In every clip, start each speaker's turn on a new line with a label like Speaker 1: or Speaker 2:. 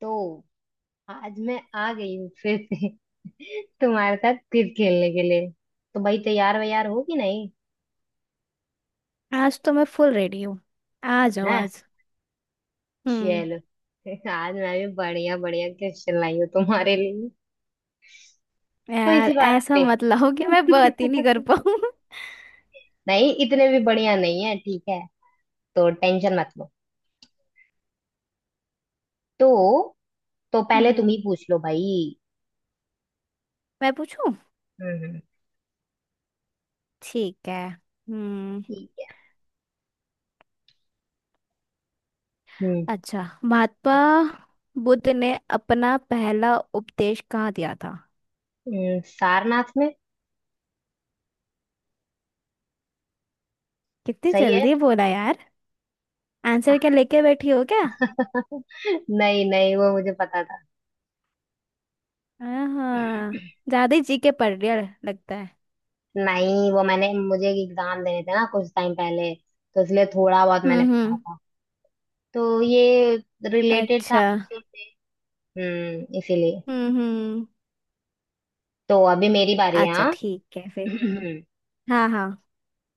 Speaker 1: तो आज मैं आ गई हूँ फिर से तुम्हारे साथ फिर खेलने के लिए। तो भाई तैयार वैयार हो कि नहीं?
Speaker 2: आज तो मैं फुल रेडी हूँ। आ जाओ
Speaker 1: है।
Speaker 2: आज। हम्म।
Speaker 1: चलो। आज मैं भी बढ़िया बढ़िया क्वेश्चन लाई हूँ तुम्हारे लिए। तो इसी
Speaker 2: यार
Speaker 1: बात
Speaker 2: ऐसा
Speaker 1: पे।
Speaker 2: मत लाओ कि मैं बात ही नहीं कर पाऊँ।
Speaker 1: नहीं, इतने भी बढ़िया नहीं है, ठीक है। तो टेंशन मत लो। तो तो पहले तुम ही
Speaker 2: हम्म।
Speaker 1: पूछ लो भाई।
Speaker 2: मैं पूछूं?
Speaker 1: हम्म, हम्म।
Speaker 2: ठीक है। हम्म।
Speaker 1: ठीक है। हम्म।
Speaker 2: अच्छा, महात्मा बुद्ध ने अपना पहला उपदेश कहाँ दिया था?
Speaker 1: सारनाथ में।
Speaker 2: कितनी
Speaker 1: सही है।
Speaker 2: जल्दी बोला यार। आंसर क्या लेके बैठी हो क्या?
Speaker 1: नहीं, नहीं, वो मुझे पता था।
Speaker 2: हाँ। ज्यादा ही जी के पढ़ रही हो लगता है।
Speaker 1: नहीं, वो मैंने मुझे एग्जाम देने थे ना कुछ टाइम पहले। तो इसलिए थोड़ा बहुत मैंने पढ़ा
Speaker 2: हम्म।
Speaker 1: था। तो ये रिलेटेड था
Speaker 2: अच्छा।
Speaker 1: आपसे। हम्म, इसीलिए।
Speaker 2: हम्म।
Speaker 1: तो अभी मेरी बारी है।
Speaker 2: अच्छा
Speaker 1: हाँ।
Speaker 2: ठीक है फिर। हाँ हाँ।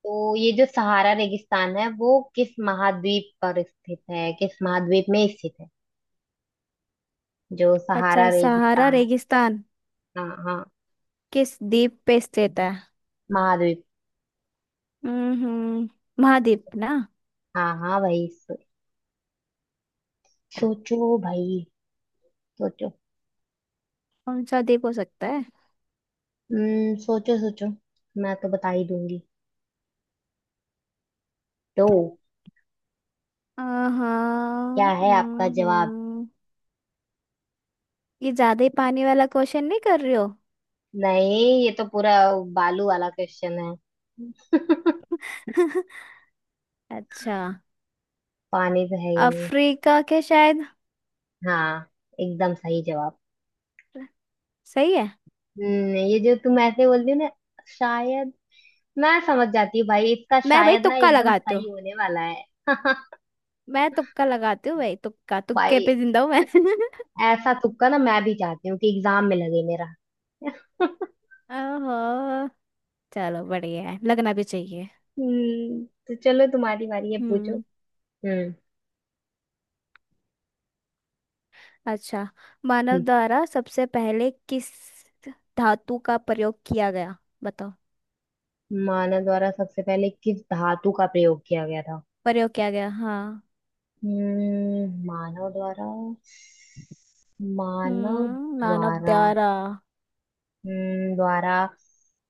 Speaker 1: तो ये जो सहारा रेगिस्तान है वो किस महाद्वीप में स्थित है? जो सहारा
Speaker 2: अच्छा सहारा
Speaker 1: रेगिस्तान।
Speaker 2: रेगिस्तान
Speaker 1: हाँ, हाँ।
Speaker 2: किस द्वीप पे स्थित है?
Speaker 1: महाद्वीप।
Speaker 2: हम्म। महाद्वीप ना।
Speaker 1: हाँ, हाँ भाई, सोचो भाई। सोचो।
Speaker 2: कौन सा द्वीप हो सकता है?
Speaker 1: हम्म, सोचो सोचो। मैं तो बता ही दूंगी। तो
Speaker 2: हाँ।
Speaker 1: क्या है आपका जवाब?
Speaker 2: हम्म। ये ज्यादा ही पानी वाला क्वेश्चन नहीं कर रही हो?
Speaker 1: नहीं, ये तो पूरा बालू वाला क्वेश्चन है।
Speaker 2: अच्छा।
Speaker 1: पानी तो है ही नहीं।
Speaker 2: अफ्रीका के शायद।
Speaker 1: हाँ, एकदम सही जवाब।
Speaker 2: सही है।
Speaker 1: हम्म, ये जो तुम ऐसे बोलती हो ना शायद, मैं समझ जाती हूँ भाई इसका
Speaker 2: मैं भाई
Speaker 1: शायद ना
Speaker 2: तुक्का
Speaker 1: एकदम
Speaker 2: लगाती हूँ।
Speaker 1: सही होने वाला है।
Speaker 2: मैं तुक्का लगाती हूँ भाई। तुक्का तुक्के
Speaker 1: भाई,
Speaker 2: पे जिंदा हूँ मैं।
Speaker 1: ऐसा तुक्का ना मैं भी चाहती हूँ कि एग्जाम में लगे मेरा।
Speaker 2: ओहो। चलो बढ़िया है। लगना भी चाहिए।
Speaker 1: हम्म, तो चलो, तुम्हारी बारी है, पूछो।
Speaker 2: हम्म।
Speaker 1: हम्म।
Speaker 2: अच्छा, मानव
Speaker 1: हम्म।
Speaker 2: द्वारा सबसे पहले किस धातु का प्रयोग किया गया। बताओ।
Speaker 1: मानव द्वारा सबसे पहले किस धातु का प्रयोग किया गया था?
Speaker 2: प्रयोग किया गया, हाँ।
Speaker 1: हम्म, मानव द्वारा। मानव
Speaker 2: मानव
Speaker 1: द्वारा।
Speaker 2: द्वारा।
Speaker 1: हम्म, द्वारा।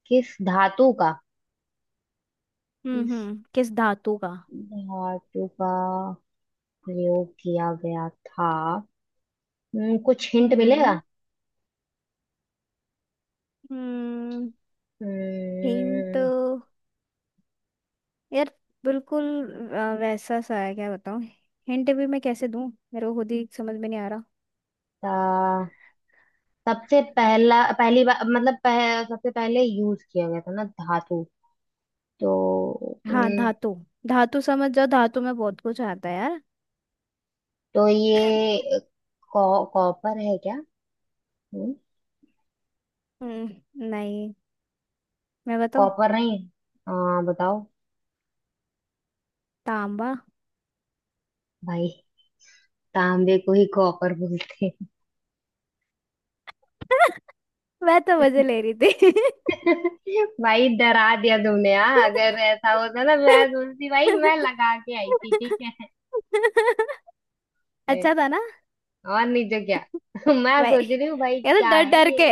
Speaker 1: किस धातु का? किस
Speaker 2: हम्म, किस धातु का।
Speaker 1: धातु का प्रयोग किया गया था? कुछ हिंट मिलेगा?
Speaker 2: हम्म हम्म। हिंट?
Speaker 1: हम्म।
Speaker 2: यार बिल्कुल। वैसा सा है, क्या बताऊं। हिंट भी मैं कैसे दूं। मेरे को खुद ही समझ में नहीं आ रहा।
Speaker 1: ता- सबसे पहला पहली बार, मतलब सबसे पहले यूज किया गया था ना धातु। तो,
Speaker 2: हाँ
Speaker 1: हम्म।
Speaker 2: धातु। धातु समझ जाओ। धातु में बहुत कुछ आता है यार।
Speaker 1: तो ये कॉपर है क्या? हम्म।
Speaker 2: नहीं। मैं बताऊं?
Speaker 1: कॉपर नहीं। हाँ, बताओ।
Speaker 2: तांबा।
Speaker 1: भाई, तांबे को ही कॉपर बोलते हैं।
Speaker 2: मैं तो मजे ले रही थी।
Speaker 1: भाई, डरा दिया तुमने यार। अगर ऐसा होता ना, मैं सोचती भाई, मैं लगा के आई थी ठीक है।
Speaker 2: अच्छा था ना।
Speaker 1: और नहीं तो क्या। मैं
Speaker 2: भाई,
Speaker 1: सोच रही हूँ भाई,
Speaker 2: ये तो
Speaker 1: क्या
Speaker 2: डर
Speaker 1: है
Speaker 2: डर
Speaker 1: ये।
Speaker 2: के,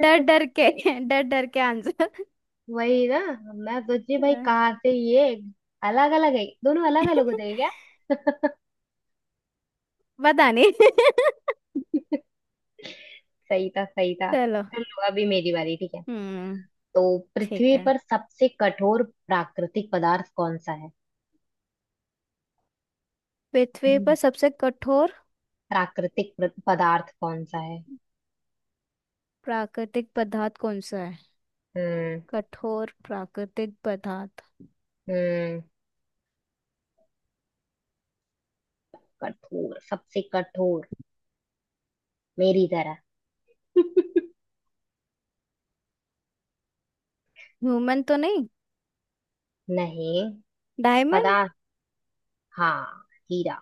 Speaker 2: डर डर के, डर डर के आंसर।
Speaker 1: वही ना। मैं सोच रही हूँ भाई, कहाँ से ये। अलग अलग है? दोनों अलग अलग होते हैं क्या?
Speaker 2: पता नहीं।
Speaker 1: सही था, सही था।
Speaker 2: चलो।
Speaker 1: चलो, अभी मेरी बारी, ठीक है।
Speaker 2: हम्म।
Speaker 1: तो
Speaker 2: ठीक
Speaker 1: पृथ्वी
Speaker 2: है।
Speaker 1: पर सबसे कठोर प्राकृतिक पदार्थ कौन सा है?
Speaker 2: पृथ्वी पर
Speaker 1: हम्म।
Speaker 2: सबसे कठोर
Speaker 1: प्राकृतिक पदार्थ कौन सा है?
Speaker 2: प्राकृतिक पदार्थ कौन सा है?
Speaker 1: हम्म,
Speaker 2: कठोर प्राकृतिक पदार्थ।
Speaker 1: हम्म। कठोर, सबसे कठोर। मेरी तरह।
Speaker 2: ह्यूमन तो नहीं।
Speaker 1: नहीं।
Speaker 2: डायमंड।
Speaker 1: पता। हाँ। हीरा।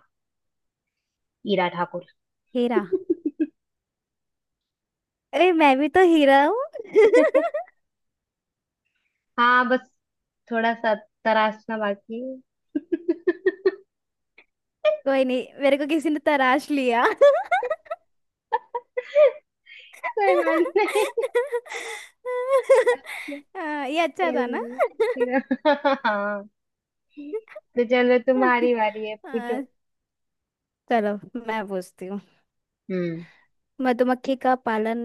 Speaker 1: हीरा ठाकुर।
Speaker 2: हीरा। अरे, मैं भी तो हीरा हूँ।
Speaker 1: हाँ, बस थोड़ा सा तराशना बाकी है।
Speaker 2: कोई नहीं, मेरे को किसी ने तराश लिया।
Speaker 1: कोई बात नहीं। अच्छा।
Speaker 2: हाँ, ये अच्छा था ना।
Speaker 1: जरूर। फिर- हाँ। तो चलो, तुम्हारी बारी है, पूछो।
Speaker 2: हाँ, चलो मैं पूछती हूँ।
Speaker 1: हम्म।
Speaker 2: मधुमक्खी का पालन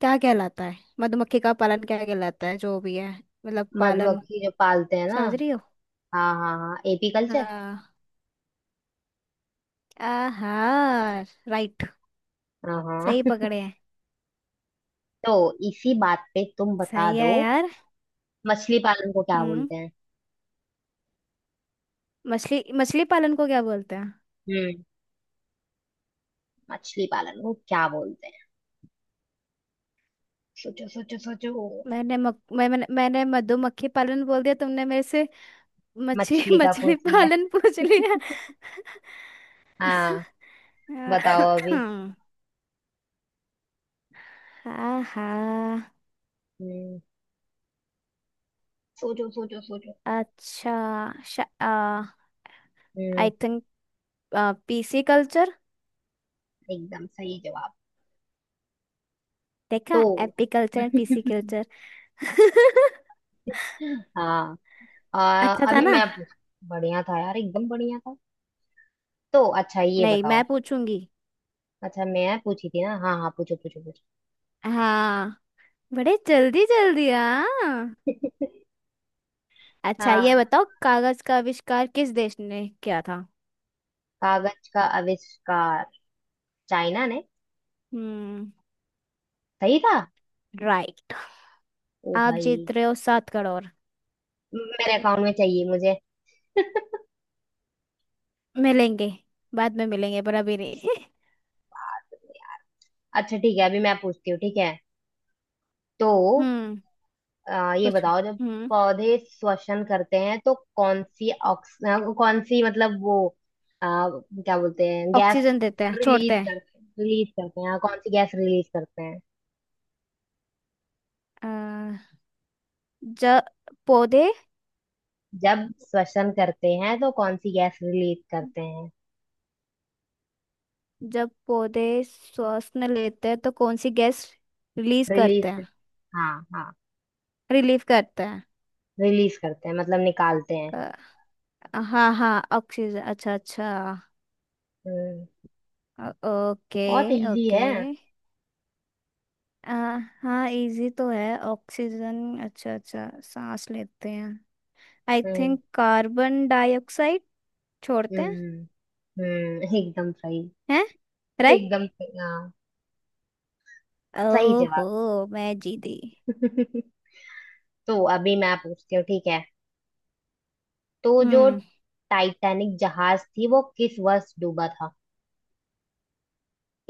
Speaker 2: क्या कहलाता है? मधुमक्खी का पालन क्या कहलाता है, जो भी है। मतलब पालन।
Speaker 1: मधुमक्खी जो पालते हैं ना।
Speaker 2: समझ रही हो?
Speaker 1: हाँ, हाँ, हाँ, एपी कल्चर।
Speaker 2: हाँ। आहार। राइट।
Speaker 1: हाँ, हाँ।
Speaker 2: सही पकड़े हैं।
Speaker 1: तो इसी बात पे तुम बता
Speaker 2: सही है
Speaker 1: दो,
Speaker 2: यार।
Speaker 1: मछली पालन को क्या
Speaker 2: हम्म।
Speaker 1: बोलते हैं?
Speaker 2: मछली, मछली पालन को क्या बोलते हैं?
Speaker 1: हम्म, मछली पालन को क्या बोलते हैं? सोचो, सोचो, सोचो।
Speaker 2: मैंने मक, मैं, मैंने मैंने मधुमक्खी पालन बोल दिया, तुमने मेरे से मछली
Speaker 1: मछली का
Speaker 2: मछली
Speaker 1: पूछ लिया।
Speaker 2: पालन पूछ लिया।
Speaker 1: हाँ, बताओ
Speaker 2: अ-
Speaker 1: अभी।
Speaker 2: हाँ हाँ।
Speaker 1: हम्म, सोचो, सोचो, सोचो।
Speaker 2: अच्छा।
Speaker 1: हम्म,
Speaker 2: आई थिंक पीसी कल्चर।
Speaker 1: एकदम सही जवाब। तो
Speaker 2: देखा, AP culture and PC culture.
Speaker 1: हाँ।
Speaker 2: अच्छा था
Speaker 1: अभी
Speaker 2: ना।
Speaker 1: मैं पूछ। बढ़िया था यार, एकदम बढ़िया था। तो अच्छा, ये
Speaker 2: नहीं, मैं
Speaker 1: बताओ।
Speaker 2: पूछूंगी।
Speaker 1: अच्छा, मैं पूछी थी ना, हाँ, हाँ, पूछो, पूछो, पूछो।
Speaker 2: हाँ। बड़े जल्दी जल्दी, हाँ। अच्छा ये
Speaker 1: हाँ,
Speaker 2: बताओ, कागज का आविष्कार किस देश ने किया था?
Speaker 1: कागज का आविष्कार चाइना ने।
Speaker 2: हम्म।
Speaker 1: सही था।
Speaker 2: राइट।
Speaker 1: ओ
Speaker 2: आप
Speaker 1: भाई,
Speaker 2: जीत रहे हो 7 करोड़।
Speaker 1: मेरे अकाउंट में चाहिए मुझे।
Speaker 2: मिलेंगे। बाद में मिलेंगे पर अभी नहीं।
Speaker 1: अच्छा ठीक है, अभी मैं पूछती हूँ, ठीक है। तो
Speaker 2: हम्म।
Speaker 1: ये
Speaker 2: पूछो।
Speaker 1: बताओ, जब
Speaker 2: हम्म।
Speaker 1: पौधे श्वसन करते हैं तो कौन सी, मतलब वो क्या बोलते हैं, गैस
Speaker 2: ऑक्सीजन देते हैं,
Speaker 1: रिलीज
Speaker 2: छोड़ते
Speaker 1: करते हैं रिलीज करते हैं हाँ, कौन सी गैस रिलीज करते हैं?
Speaker 2: हैं। जब पौधे
Speaker 1: जब श्वसन करते हैं तो कौन सी गैस रिलीज करते हैं?
Speaker 2: जब पौधे श्वास न लेते हैं तो कौन सी गैस रिलीज
Speaker 1: रिलीज
Speaker 2: करते
Speaker 1: कर,
Speaker 2: हैं?
Speaker 1: हाँ, हाँ,
Speaker 2: रिलीव करते हैं।
Speaker 1: रिलीज करते हैं मतलब निकालते हैं।
Speaker 2: अ, हाँ हाँ, ऑक्सीजन। अच्छा अच्छा।
Speaker 1: हम्म,
Speaker 2: ओके।
Speaker 1: बहुत इजी
Speaker 2: ओके।
Speaker 1: है।
Speaker 2: अ, हाँ, इजी तो है। ऑक्सीजन, अच्छा अच्छा, सांस लेते हैं। I
Speaker 1: hmm,
Speaker 2: think carbon dioxide छोड़ते हैं।
Speaker 1: हम्म। हम्म, एकदम सही।
Speaker 2: हैं। राइट।
Speaker 1: एकदम सही, हाँ। सही
Speaker 2: ओहो, मैं जीती।
Speaker 1: जवाब। तो अभी मैं पूछती हूँ, ठीक है। तो जो
Speaker 2: हम्म।
Speaker 1: टाइटैनिक जहाज थी वो किस वर्ष डूबा था?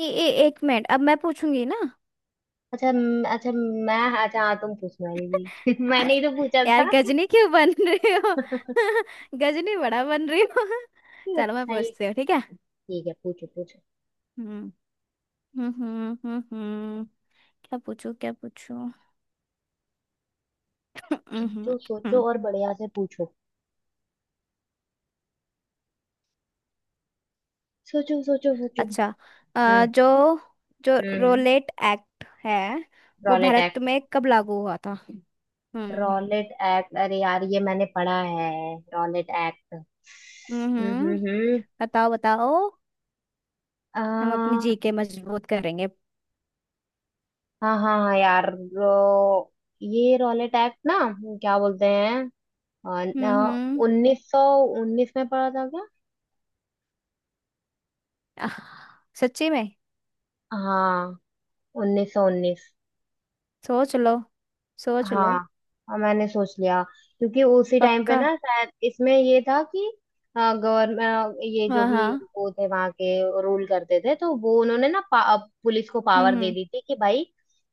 Speaker 2: ए, ए, एक मिनट, अब मैं पूछूंगी ना।
Speaker 1: अच्छा, अच्छा, मैं, अच्छा हाँ, तुम पूछने वाली थी। मैंने ही तो पूछा था।
Speaker 2: यार, गजनी क्यों बन रही हो। गजनी बड़ा बन रही हो। चलो मैं
Speaker 1: अच्छा ही,
Speaker 2: पूछती हूँ। ठीक है।
Speaker 1: ठीक है, पूछो, पूछो।
Speaker 2: हम्म। हम्म हम्म हम्म हम्म, क्या पूछूं, क्या पूछूं। हम्म।
Speaker 1: सोचो, सोचो
Speaker 2: हम्म।
Speaker 1: और बढ़िया से पूछो। सोचो, सोचो, सोचो।
Speaker 2: अच्छा।
Speaker 1: हम्म,
Speaker 2: अ, जो जो
Speaker 1: हम्म।
Speaker 2: रोलेट एक्ट है वो
Speaker 1: रॉलेट
Speaker 2: भारत
Speaker 1: एक्ट।
Speaker 2: में कब लागू हुआ था? हम्म
Speaker 1: रॉलेट एक्ट, अरे यार, ये मैंने पढ़ा है। रॉलेट एक्ट, हम्म,
Speaker 2: हम्म।
Speaker 1: हम्म।
Speaker 2: बताओ बताओ। हम अपनी
Speaker 1: हम्म।
Speaker 2: जीके मजबूत करेंगे।
Speaker 1: हाँ, हाँ, हाँ, यार ये रॉल अटैक ना, क्या बोलते हैं?
Speaker 2: हम्म।
Speaker 1: 1919 में पड़ा था क्या?
Speaker 2: आह, सच्ची में?
Speaker 1: हाँ, 1919।
Speaker 2: सोच लो। सोच लो।
Speaker 1: हाँ, हाँ, मैंने सोच लिया। क्योंकि उसी टाइम पे
Speaker 2: पक्का।
Speaker 1: ना, शायद इसमें ये था कि गवर्नमेंट, ये जो
Speaker 2: हाँ हाँ।
Speaker 1: भी वो थे वहां के, रूल करते थे, तो वो उन्होंने ना पुलिस को पावर दे
Speaker 2: हम्म।
Speaker 1: दी थी कि भाई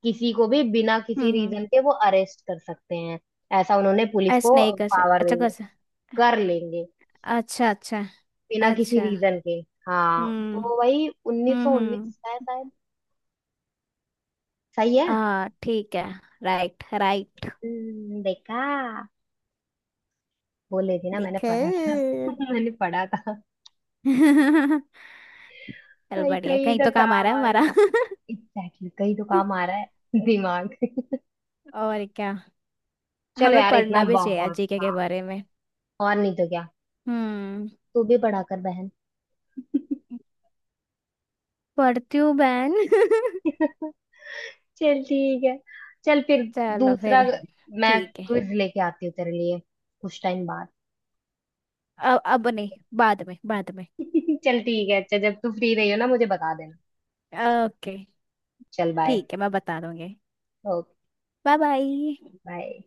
Speaker 1: किसी को भी बिना किसी
Speaker 2: हम्म।
Speaker 1: रीजन के वो अरेस्ट कर सकते हैं। ऐसा उन्होंने पुलिस
Speaker 2: ऐसे
Speaker 1: को
Speaker 2: नहीं कर सकते?
Speaker 1: पावर
Speaker 2: अच्छा,
Speaker 1: दे
Speaker 2: कर
Speaker 1: दी,
Speaker 2: सकते।
Speaker 1: कर लेंगे,
Speaker 2: अच्छा अच्छा।
Speaker 1: बिना किसी
Speaker 2: अच्छा।
Speaker 1: रीजन के। हाँ,
Speaker 2: हम्म
Speaker 1: तो वही उन्नीस सौ
Speaker 2: हम्म।
Speaker 1: उन्नीस है शायद। सही है।
Speaker 2: हाँ ठीक है। Right right.
Speaker 1: देखा, बोले थे ना मैंने
Speaker 2: देखो।
Speaker 1: पढ़ा था। मैंने पढ़ा था।
Speaker 2: चल
Speaker 1: भाई,
Speaker 2: बढ़िया,
Speaker 1: कहीं
Speaker 2: कहीं
Speaker 1: तो
Speaker 2: तो काम आ
Speaker 1: काम
Speaker 2: रहा है
Speaker 1: आ
Speaker 2: हमारा।
Speaker 1: गया। एग्जैक्टली exactly, कहीं तो काम आ रहा है। दिमाग।
Speaker 2: और क्या।
Speaker 1: चलो
Speaker 2: हमें
Speaker 1: यार, इतना
Speaker 2: पढ़ना भी चाहिए
Speaker 1: बहुत
Speaker 2: जीके
Speaker 1: था।
Speaker 2: के बारे में।
Speaker 1: और नहीं तो क्या।
Speaker 2: हम्म।
Speaker 1: तू भी पढ़ा कर बहन।
Speaker 2: पढ़ती हूँ बहन।
Speaker 1: चल ठीक है। चल फिर,
Speaker 2: चलो फिर।
Speaker 1: दूसरा, मैं
Speaker 2: ठीक है।
Speaker 1: क्विज लेके आती हूँ तेरे लिए कुछ टाइम बाद।
Speaker 2: अब नहीं। बाद में, बाद में।
Speaker 1: चल ठीक है, अच्छा जब तू फ्री रही हो ना मुझे बता देना।
Speaker 2: ओके।
Speaker 1: चल बाय।
Speaker 2: ठीक है, मैं बता दूंगी।
Speaker 1: ओके।
Speaker 2: Bye bye.
Speaker 1: बाय।